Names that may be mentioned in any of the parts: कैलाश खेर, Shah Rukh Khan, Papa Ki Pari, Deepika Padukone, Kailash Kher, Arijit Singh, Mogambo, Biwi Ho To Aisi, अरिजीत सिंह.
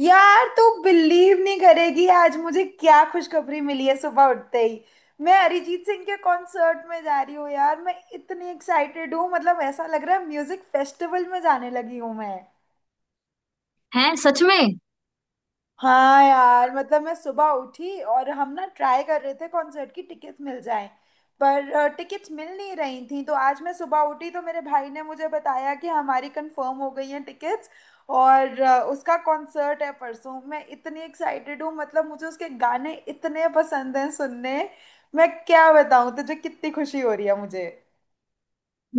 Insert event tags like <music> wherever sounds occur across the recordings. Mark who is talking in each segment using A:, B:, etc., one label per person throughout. A: यार तू बिलीव नहीं करेगी। आज मुझे क्या खुशखबरी मिली है सुबह उठते ही। मैं अरिजीत सिंह के कॉन्सर्ट में जा रही हूँ यार। मैं इतनी एक्साइटेड हूँ, मतलब ऐसा लग रहा है म्यूजिक फेस्टिवल में जाने लगी हूँ मैं।
B: हैं, सच में?
A: हाँ यार, मतलब मैं सुबह उठी और हम ना ट्राई कर रहे थे कॉन्सर्ट की टिकट्स मिल जाएं। पर टिकट्स मिल नहीं रही थी, तो आज मैं सुबह उठी तो मेरे भाई ने मुझे बताया कि हमारी कंफर्म हो गई हैं टिकट्स। और उसका कॉन्सर्ट है परसों। मैं इतनी एक्साइटेड हूँ, मतलब मुझे उसके गाने इतने पसंद हैं सुनने। मैं क्या बताऊँ तुझे कितनी खुशी हो रही है मुझे।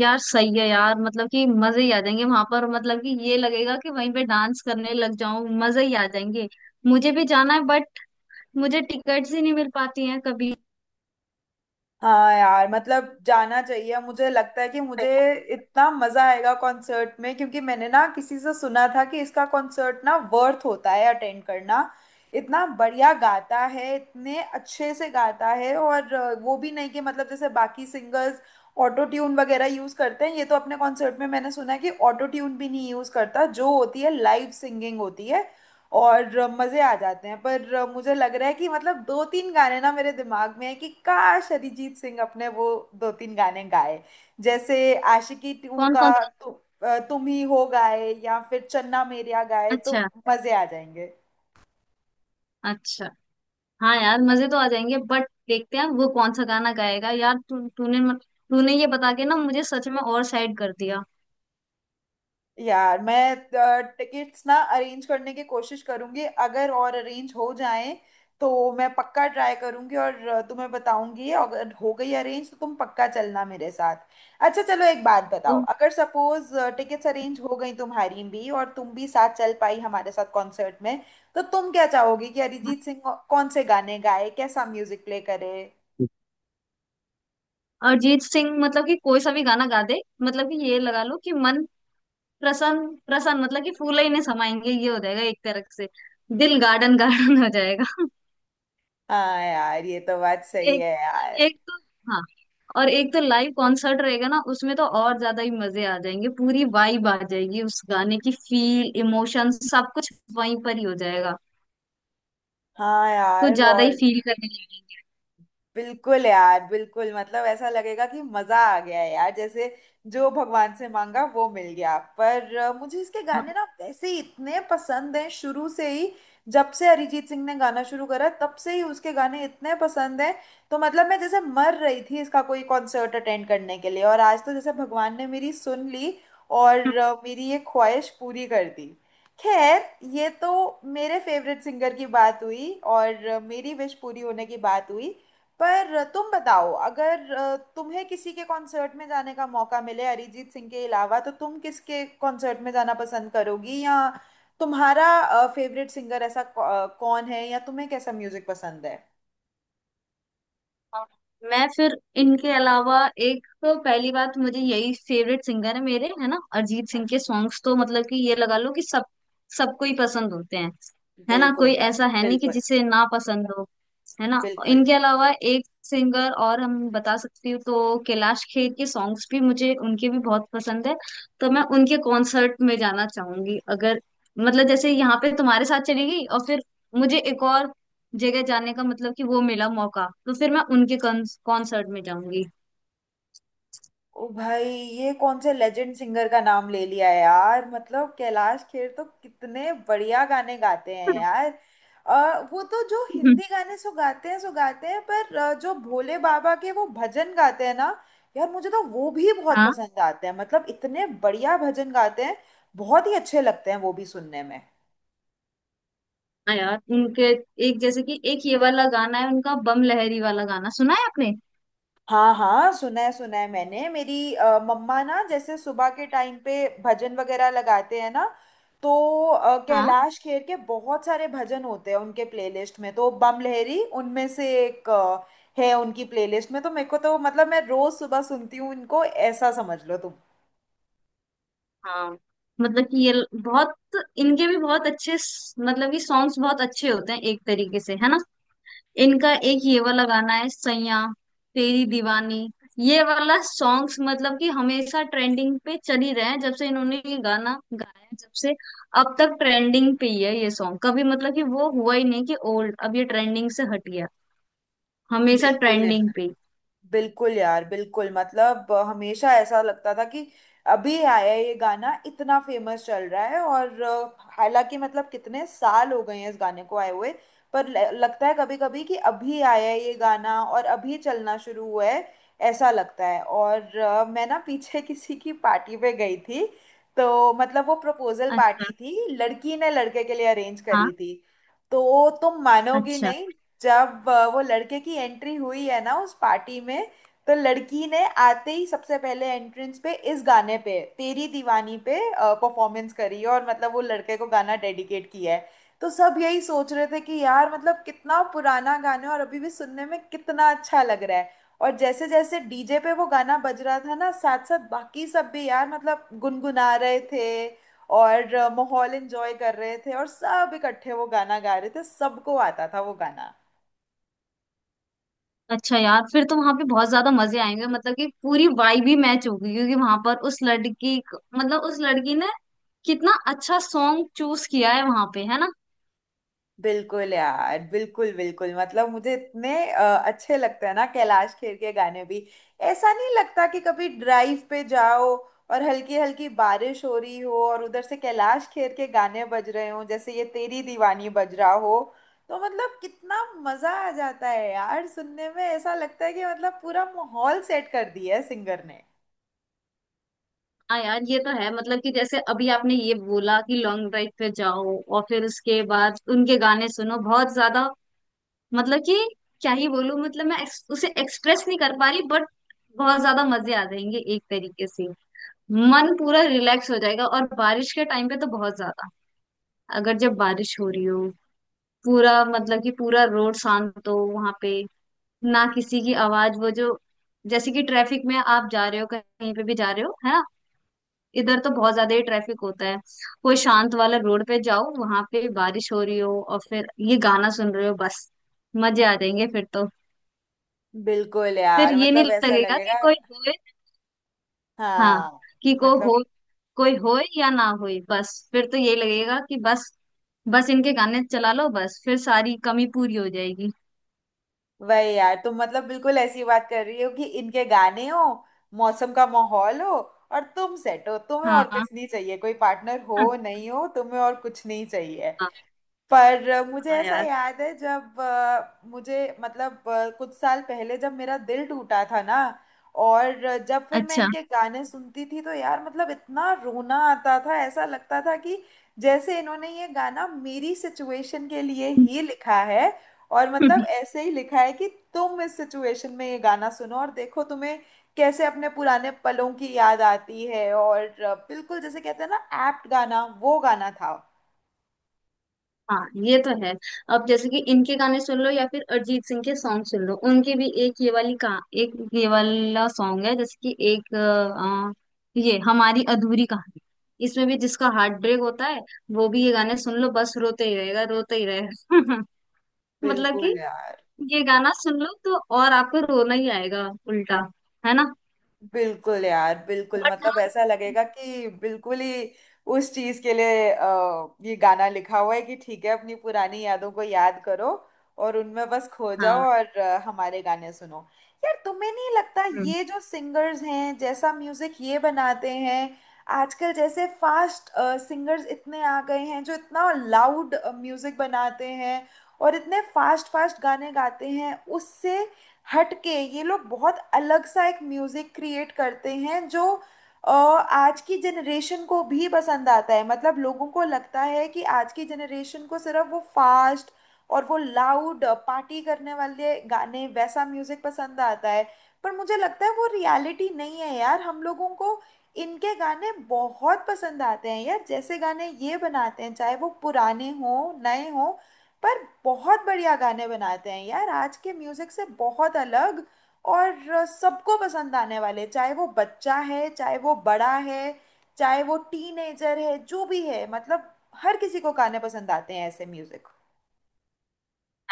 B: यार सही है यार, मतलब कि मजे ही आ जाएंगे वहां पर। मतलब कि ये लगेगा कि वहीं पे डांस करने लग जाऊं। मजे ही आ जाएंगे। मुझे भी जाना है बट मुझे टिकट्स ही नहीं मिल पाती हैं कभी।
A: हाँ यार, मतलब जाना चाहिए मुझे, लगता है कि मुझे इतना मजा आएगा कॉन्सर्ट में, क्योंकि मैंने ना किसी से सुना था कि इसका कॉन्सर्ट ना वर्थ होता है अटेंड करना। इतना बढ़िया गाता है, इतने अच्छे से गाता है। और वो भी नहीं कि मतलब जैसे बाकी सिंगर्स ऑटो ट्यून वगैरह यूज करते हैं, ये तो अपने कॉन्सर्ट में, मैंने सुना है कि ऑटो ट्यून भी नहीं यूज करता, जो होती है लाइव सिंगिंग होती है और मज़े आ जाते हैं। पर मुझे लग रहा है कि मतलब दो तीन गाने ना मेरे दिमाग में है कि काश अरिजीत सिंह अपने वो दो तीन गाने गाए। जैसे आशिकी टू
B: कौन
A: का
B: कौन सा?
A: तुम ही हो गाए, या फिर चन्ना मेरेया गाए तो
B: अच्छा।
A: मज़े आ जाएंगे।
B: अच्छा। हाँ यार, मजे तो आ जाएंगे बट देखते हैं वो कौन सा गाना गाएगा। यार तू तूने मत- तूने ये बता के ना मुझे सच में और साइड कर दिया।
A: यार मैं टिकट्स ना अरेंज करने की कोशिश करूंगी, अगर और अरेंज हो जाए तो मैं पक्का ट्राई करूंगी और तुम्हें बताऊंगी। अगर हो गई अरेंज तो तुम पक्का चलना मेरे साथ। अच्छा चलो एक बात बताओ,
B: और
A: अगर सपोज टिकट्स अरेंज हो गई तुम्हारी भी और तुम भी साथ चल पाई हमारे साथ कॉन्सर्ट में, तो तुम क्या चाहोगी कि अरिजीत सिंह कौन से गाने गाए, कैसा म्यूजिक प्ले करे।
B: अरिजीत सिंह मतलब कि कोई सा भी गाना गा दे। मतलब कि ये लगा लो कि मन प्रसन्न प्रसन्न, मतलब कि फूल ही नहीं समाएंगे, ये हो जाएगा एक तरह से। दिल गार्डन गार्डन हो जाएगा। <laughs>
A: हाँ यार, ये तो बात सही
B: एक
A: है यार।
B: एक तो हाँ, और एक तो लाइव कॉन्सर्ट रहेगा ना, उसमें तो और ज्यादा ही मजे आ जाएंगे। पूरी वाइब आ जाएगी उस गाने की, फील, इमोशन सब कुछ वहीं पर ही हो जाएगा।
A: हाँ
B: कुछ
A: यार।
B: ज्यादा ही
A: और
B: फील करने लगेंगे।
A: बिल्कुल यार, बिल्कुल, मतलब ऐसा लगेगा कि मजा आ गया है यार, जैसे जो भगवान से मांगा वो मिल गया। पर मुझे इसके गाने ना
B: <laughs>
A: वैसे ही इतने पसंद हैं शुरू से ही। जब से अरिजीत सिंह ने गाना शुरू करा तब से ही उसके गाने इतने पसंद हैं। तो मतलब मैं जैसे मर रही थी इसका कोई कॉन्सर्ट अटेंड करने के लिए, और आज तो जैसे भगवान ने मेरी सुन ली और मेरी ये ख्वाहिश पूरी कर दी। खैर, ये तो मेरे फेवरेट सिंगर की बात हुई और मेरी विश पूरी होने की बात हुई। पर तुम बताओ, अगर तुम्हें किसी के कॉन्सर्ट में जाने का मौका मिले अरिजीत सिंह के अलावा, तो तुम किसके कॉन्सर्ट में जाना पसंद करोगी, या तुम्हारा फेवरेट सिंगर ऐसा कौन है, या तुम्हें कैसा म्यूजिक पसंद है।
B: हाँ। मैं फिर इनके अलावा, एक तो पहली बात मुझे यही फेवरेट सिंगर है मेरे, है ना। अरिजीत सिंह के सॉन्ग्स तो मतलब कि ये लगा लो कि सब सबको ही पसंद होते हैं, है ना।
A: बिल्कुल
B: कोई
A: यार,
B: ऐसा है नहीं कि
A: बिल्कुल,
B: जिसे ना पसंद हो, है ना।
A: बिल्कुल।
B: इनके अलावा एक सिंगर और हम बता सकती हूँ तो कैलाश खेर के सॉन्ग्स भी, मुझे उनके भी बहुत पसंद है। तो मैं उनके कॉन्सर्ट में जाना चाहूंगी अगर, मतलब जैसे यहाँ पे तुम्हारे साथ चली गई और फिर मुझे एक और जगह जाने का, मतलब कि वो मिला मौका, तो फिर मैं उनके कॉन्सर्ट में जाऊंगी।
A: ओ भाई, ये कौन से लेजेंड सिंगर का नाम ले लिया यार, मतलब कैलाश खेर तो कितने बढ़िया गाने गाते हैं यार। वो तो जो हिंदी
B: <laughs>
A: गाने सो गाते हैं सो गाते हैं, पर जो भोले बाबा के वो भजन गाते हैं ना, यार मुझे तो वो भी बहुत
B: हाँ।
A: पसंद आते हैं, मतलब इतने बढ़िया भजन गाते हैं। बहुत ही अच्छे लगते हैं वो भी सुनने में।
B: हाँ यार, उनके एक, जैसे कि एक ये वाला गाना है उनका, बम लहरी वाला गाना सुना है आपने?
A: हाँ हाँ, सुना है, सुना है मैंने। मेरी मम्मा ना जैसे सुबह के टाइम पे भजन वगैरह लगाते हैं ना, तो
B: हाँ
A: कैलाश खेर के बहुत सारे भजन होते हैं उनके प्लेलिस्ट में, तो बम लहरी उनमें से एक है उनकी प्लेलिस्ट में। तो मेरे को तो मतलब मैं रोज सुबह सुनती हूँ इनको, ऐसा समझ लो तुम।
B: हाँ। बहुत, इनके भी बहुत अच्छे स- मतलब कि सॉन्ग्स बहुत अच्छे होते हैं एक तरीके से, है ना। इनका एक ये वाला गाना है, सैया तेरी दीवानी, ये वाला सॉन्ग्स मतलब कि हमेशा ट्रेंडिंग पे चल ही रहे हैं। जब से इन्होंने ये गाना गाया है, जब से अब तक ट्रेंडिंग पे ही है ये सॉन्ग। कभी मतलब कि वो हुआ ही नहीं कि ओल्ड, अब ये ट्रेंडिंग से हट गया। हमेशा
A: बिल्कुल
B: ट्रेंडिंग
A: यार,
B: पे ही।
A: बिल्कुल यार, बिल्कुल, मतलब हमेशा ऐसा लगता था कि अभी आया ये गाना इतना फेमस चल रहा है, और हालांकि मतलब कितने साल हो गए हैं इस गाने को आए हुए, पर लगता है कभी कभी कि अभी आया है ये गाना और अभी चलना शुरू हुआ है, ऐसा लगता है। और मैं ना पीछे <laughs> किसी की पार्टी पे गई थी, तो मतलब वो प्रपोजल
B: अच्छा।
A: पार्टी थी, लड़की ने लड़के के लिए अरेंज
B: हाँ।
A: करी थी। तो तुम मानोगी
B: अच्छा।
A: नहीं, जब वो लड़के की एंट्री हुई है ना उस पार्टी में, तो लड़की ने आते ही सबसे पहले एंट्रेंस पे इस गाने पे, तेरी दीवानी पे परफॉर्मेंस करी है, और मतलब वो लड़के को गाना डेडिकेट किया है। तो सब यही सोच रहे थे कि यार मतलब कितना पुराना गाना है और अभी भी सुनने में कितना अच्छा लग रहा है। और जैसे जैसे डीजे पे वो गाना बज रहा था ना, साथ साथ बाकी सब भी यार मतलब गुनगुना रहे थे और माहौल एंजॉय कर रहे थे, और सब इकट्ठे वो गाना गा रहे थे, सबको आता था वो गाना।
B: अच्छा यार, फिर तो वहां पे बहुत ज्यादा मजे आएंगे, मतलब कि पूरी वाइब ही मैच होगी। क्योंकि वहां पर उस मतलब उस लड़की ने कितना अच्छा सॉन्ग चूज किया है वहां पे, है ना।
A: बिल्कुल यार, बिल्कुल, बिल्कुल, मतलब मुझे इतने अच्छे लगते हैं ना कैलाश खेर के गाने भी। ऐसा नहीं लगता कि कभी ड्राइव पे जाओ और हल्की हल्की बारिश हो रही हो और उधर से कैलाश खेर के गाने बज रहे हो, जैसे ये तेरी दीवानी बज रहा हो, तो मतलब कितना मजा आ जाता है यार सुनने में। ऐसा लगता है कि मतलब पूरा माहौल सेट कर दिया है सिंगर ने।
B: हाँ यार, ये तो है। मतलब कि जैसे अभी आपने ये बोला कि लॉन्ग ड्राइव पे जाओ और फिर उसके बाद उनके गाने सुनो, बहुत ज्यादा, मतलब कि क्या ही बोलूं। मतलब मैं उसे एक्सप्रेस नहीं कर पा रही, बट बहुत ज्यादा मजे आ जाएंगे एक तरीके से। मन पूरा रिलैक्स हो जाएगा। और बारिश के टाइम पे तो बहुत ज्यादा, अगर जब बारिश हो रही हो, पूरा मतलब कि पूरा रोड शांत हो वहां पे, ना किसी की आवाज, वो जो जैसे कि ट्रैफिक में आप जा रहे हो, कहीं पे भी जा रहे हो, है ना। इधर तो बहुत ज्यादा ही ट्रैफिक होता है। कोई शांत वाला रोड पे जाओ, वहां पे बारिश हो रही हो और फिर ये गाना सुन रहे हो, बस मजे आ जाएंगे फिर तो।
A: बिल्कुल
B: फिर
A: यार,
B: ये नहीं
A: मतलब ऐसा
B: लगेगा कि
A: लगेगा।
B: कोई होए। हाँ।
A: हाँ,
B: कि को
A: मतलब
B: हो, कोई होए या ना होए, बस फिर तो ये लगेगा कि बस, बस इनके गाने चला लो, बस फिर सारी कमी पूरी हो जाएगी।
A: वही यार, तुम मतलब बिल्कुल ऐसी बात कर रही हो कि इनके गाने हो, मौसम का माहौल हो, और तुम सेट हो, तुम्हें और
B: हाँ।
A: कुछ नहीं चाहिए, कोई पार्टनर हो
B: हाँ।
A: नहीं हो, तुम्हें और कुछ नहीं चाहिए। पर मुझे
B: हाँ
A: ऐसा
B: यार।
A: याद है, जब मुझे मतलब कुछ साल पहले जब मेरा दिल टूटा था ना, और जब फिर मैं
B: अच्छा।
A: इनके गाने सुनती थी, तो यार मतलब इतना रोना आता था, ऐसा लगता था कि जैसे इन्होंने ये गाना मेरी सिचुएशन के लिए ही लिखा है, और मतलब
B: <laughs>
A: ऐसे ही लिखा है कि तुम इस सिचुएशन में ये गाना सुनो और देखो तुम्हें कैसे अपने पुराने पलों की याद आती है। और बिल्कुल जैसे कहते हैं ना, एप्ट गाना वो गाना था।
B: हाँ ये तो है। अब जैसे कि इनके गाने सुन लो या फिर अरिजीत सिंह के सॉन्ग सुन लो, उनके भी एक ये वाली का, एक ये वाला सॉन्ग है जैसे कि एक ये हमारी अधूरी कहानी, इसमें भी जिसका हार्ट ब्रेक होता है वो भी ये गाने सुन लो, बस रोते ही रहेगा, रोते ही रहेगा। <laughs> मतलब कि
A: बिल्कुल यार,
B: ये गाना सुन लो तो और आपको रोना ही आएगा उल्टा, है ना।
A: बिल्कुल यार, बिल्कुल,
B: बट
A: मतलब ऐसा लगेगा कि बिल्कुल ही उस चीज के लिए ये गाना लिखा हुआ है कि ठीक है, अपनी पुरानी यादों को याद करो और उनमें बस खो जाओ
B: हाँ।
A: और हमारे गाने सुनो। यार तुम्हें नहीं लगता
B: हाँ
A: ये जो सिंगर्स हैं जैसा म्यूजिक ये बनाते हैं? आजकल जैसे फास्ट सिंगर्स इतने आ गए हैं जो इतना लाउड म्यूजिक बनाते हैं और इतने फास्ट फास्ट गाने गाते हैं, उससे हट के ये लोग बहुत अलग सा एक म्यूजिक क्रिएट करते हैं, जो आज की जनरेशन को भी पसंद आता है। मतलब लोगों को लगता है कि आज की जनरेशन को सिर्फ वो फास्ट और वो लाउड पार्टी करने वाले गाने, वैसा म्यूजिक पसंद आता है, पर मुझे लगता है वो रियलिटी नहीं है यार। हम लोगों को इनके गाने बहुत पसंद आते हैं यार, जैसे गाने ये बनाते हैं, चाहे वो पुराने हों, नए हों, पर बहुत बढ़िया गाने बनाते हैं यार, आज के म्यूजिक से बहुत अलग और सबको पसंद आने वाले, चाहे वो बच्चा है, चाहे वो बड़ा है, चाहे वो टीनेजर है, जो भी है, मतलब हर किसी को गाने पसंद आते हैं, ऐसे म्यूजिक।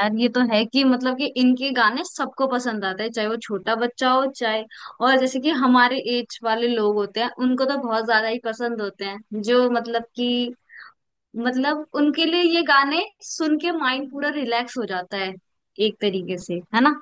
B: यार, ये तो है कि मतलब कि इनके गाने सबको पसंद आते हैं, चाहे वो छोटा बच्चा हो, चाहे, और जैसे कि हमारे एज वाले लोग होते हैं उनको तो बहुत ज्यादा ही पसंद होते हैं। जो मतलब कि, मतलब उनके लिए ये गाने सुन के माइंड पूरा रिलैक्स हो जाता है एक तरीके से, है ना।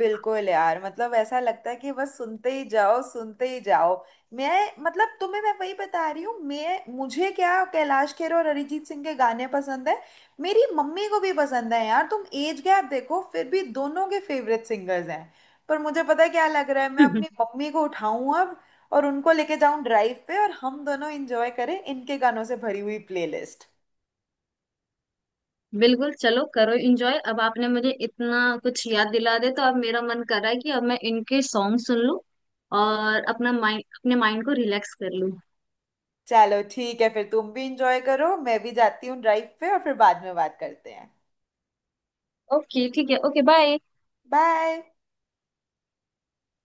A: बिल्कुल यार, मतलब ऐसा लगता है कि बस सुनते ही जाओ, सुनते ही जाओ। मैं मतलब तुम्हें मैं वही बता रही हूँ, मैं मुझे क्या कैलाश खेर और अरिजीत सिंह के गाने पसंद है, मेरी मम्मी को भी पसंद है यार, तुम एज गैप देखो, फिर भी दोनों के फेवरेट सिंगर्स हैं। पर मुझे पता है क्या लग रहा है, मैं अपनी
B: <laughs>
A: मम्मी को उठाऊं अब और उनको लेके जाऊं ड्राइव पे, और हम दोनों इंजॉय करें इनके गानों से भरी हुई प्लेलिस्ट।
B: बिल्कुल, चलो करो एंजॉय। अब आपने मुझे इतना कुछ याद दिला दे तो अब मेरा मन कर रहा है कि अब मैं इनके सॉन्ग सुन लूं और अपना माइंड अपने माइंड को रिलैक्स कर लूं।
A: चलो ठीक है, फिर तुम भी इंजॉय करो, मैं भी जाती हूँ ड्राइव पे और फिर बाद में बात करते हैं।
B: ओके ठीक है, ओके बाय।
A: बाय।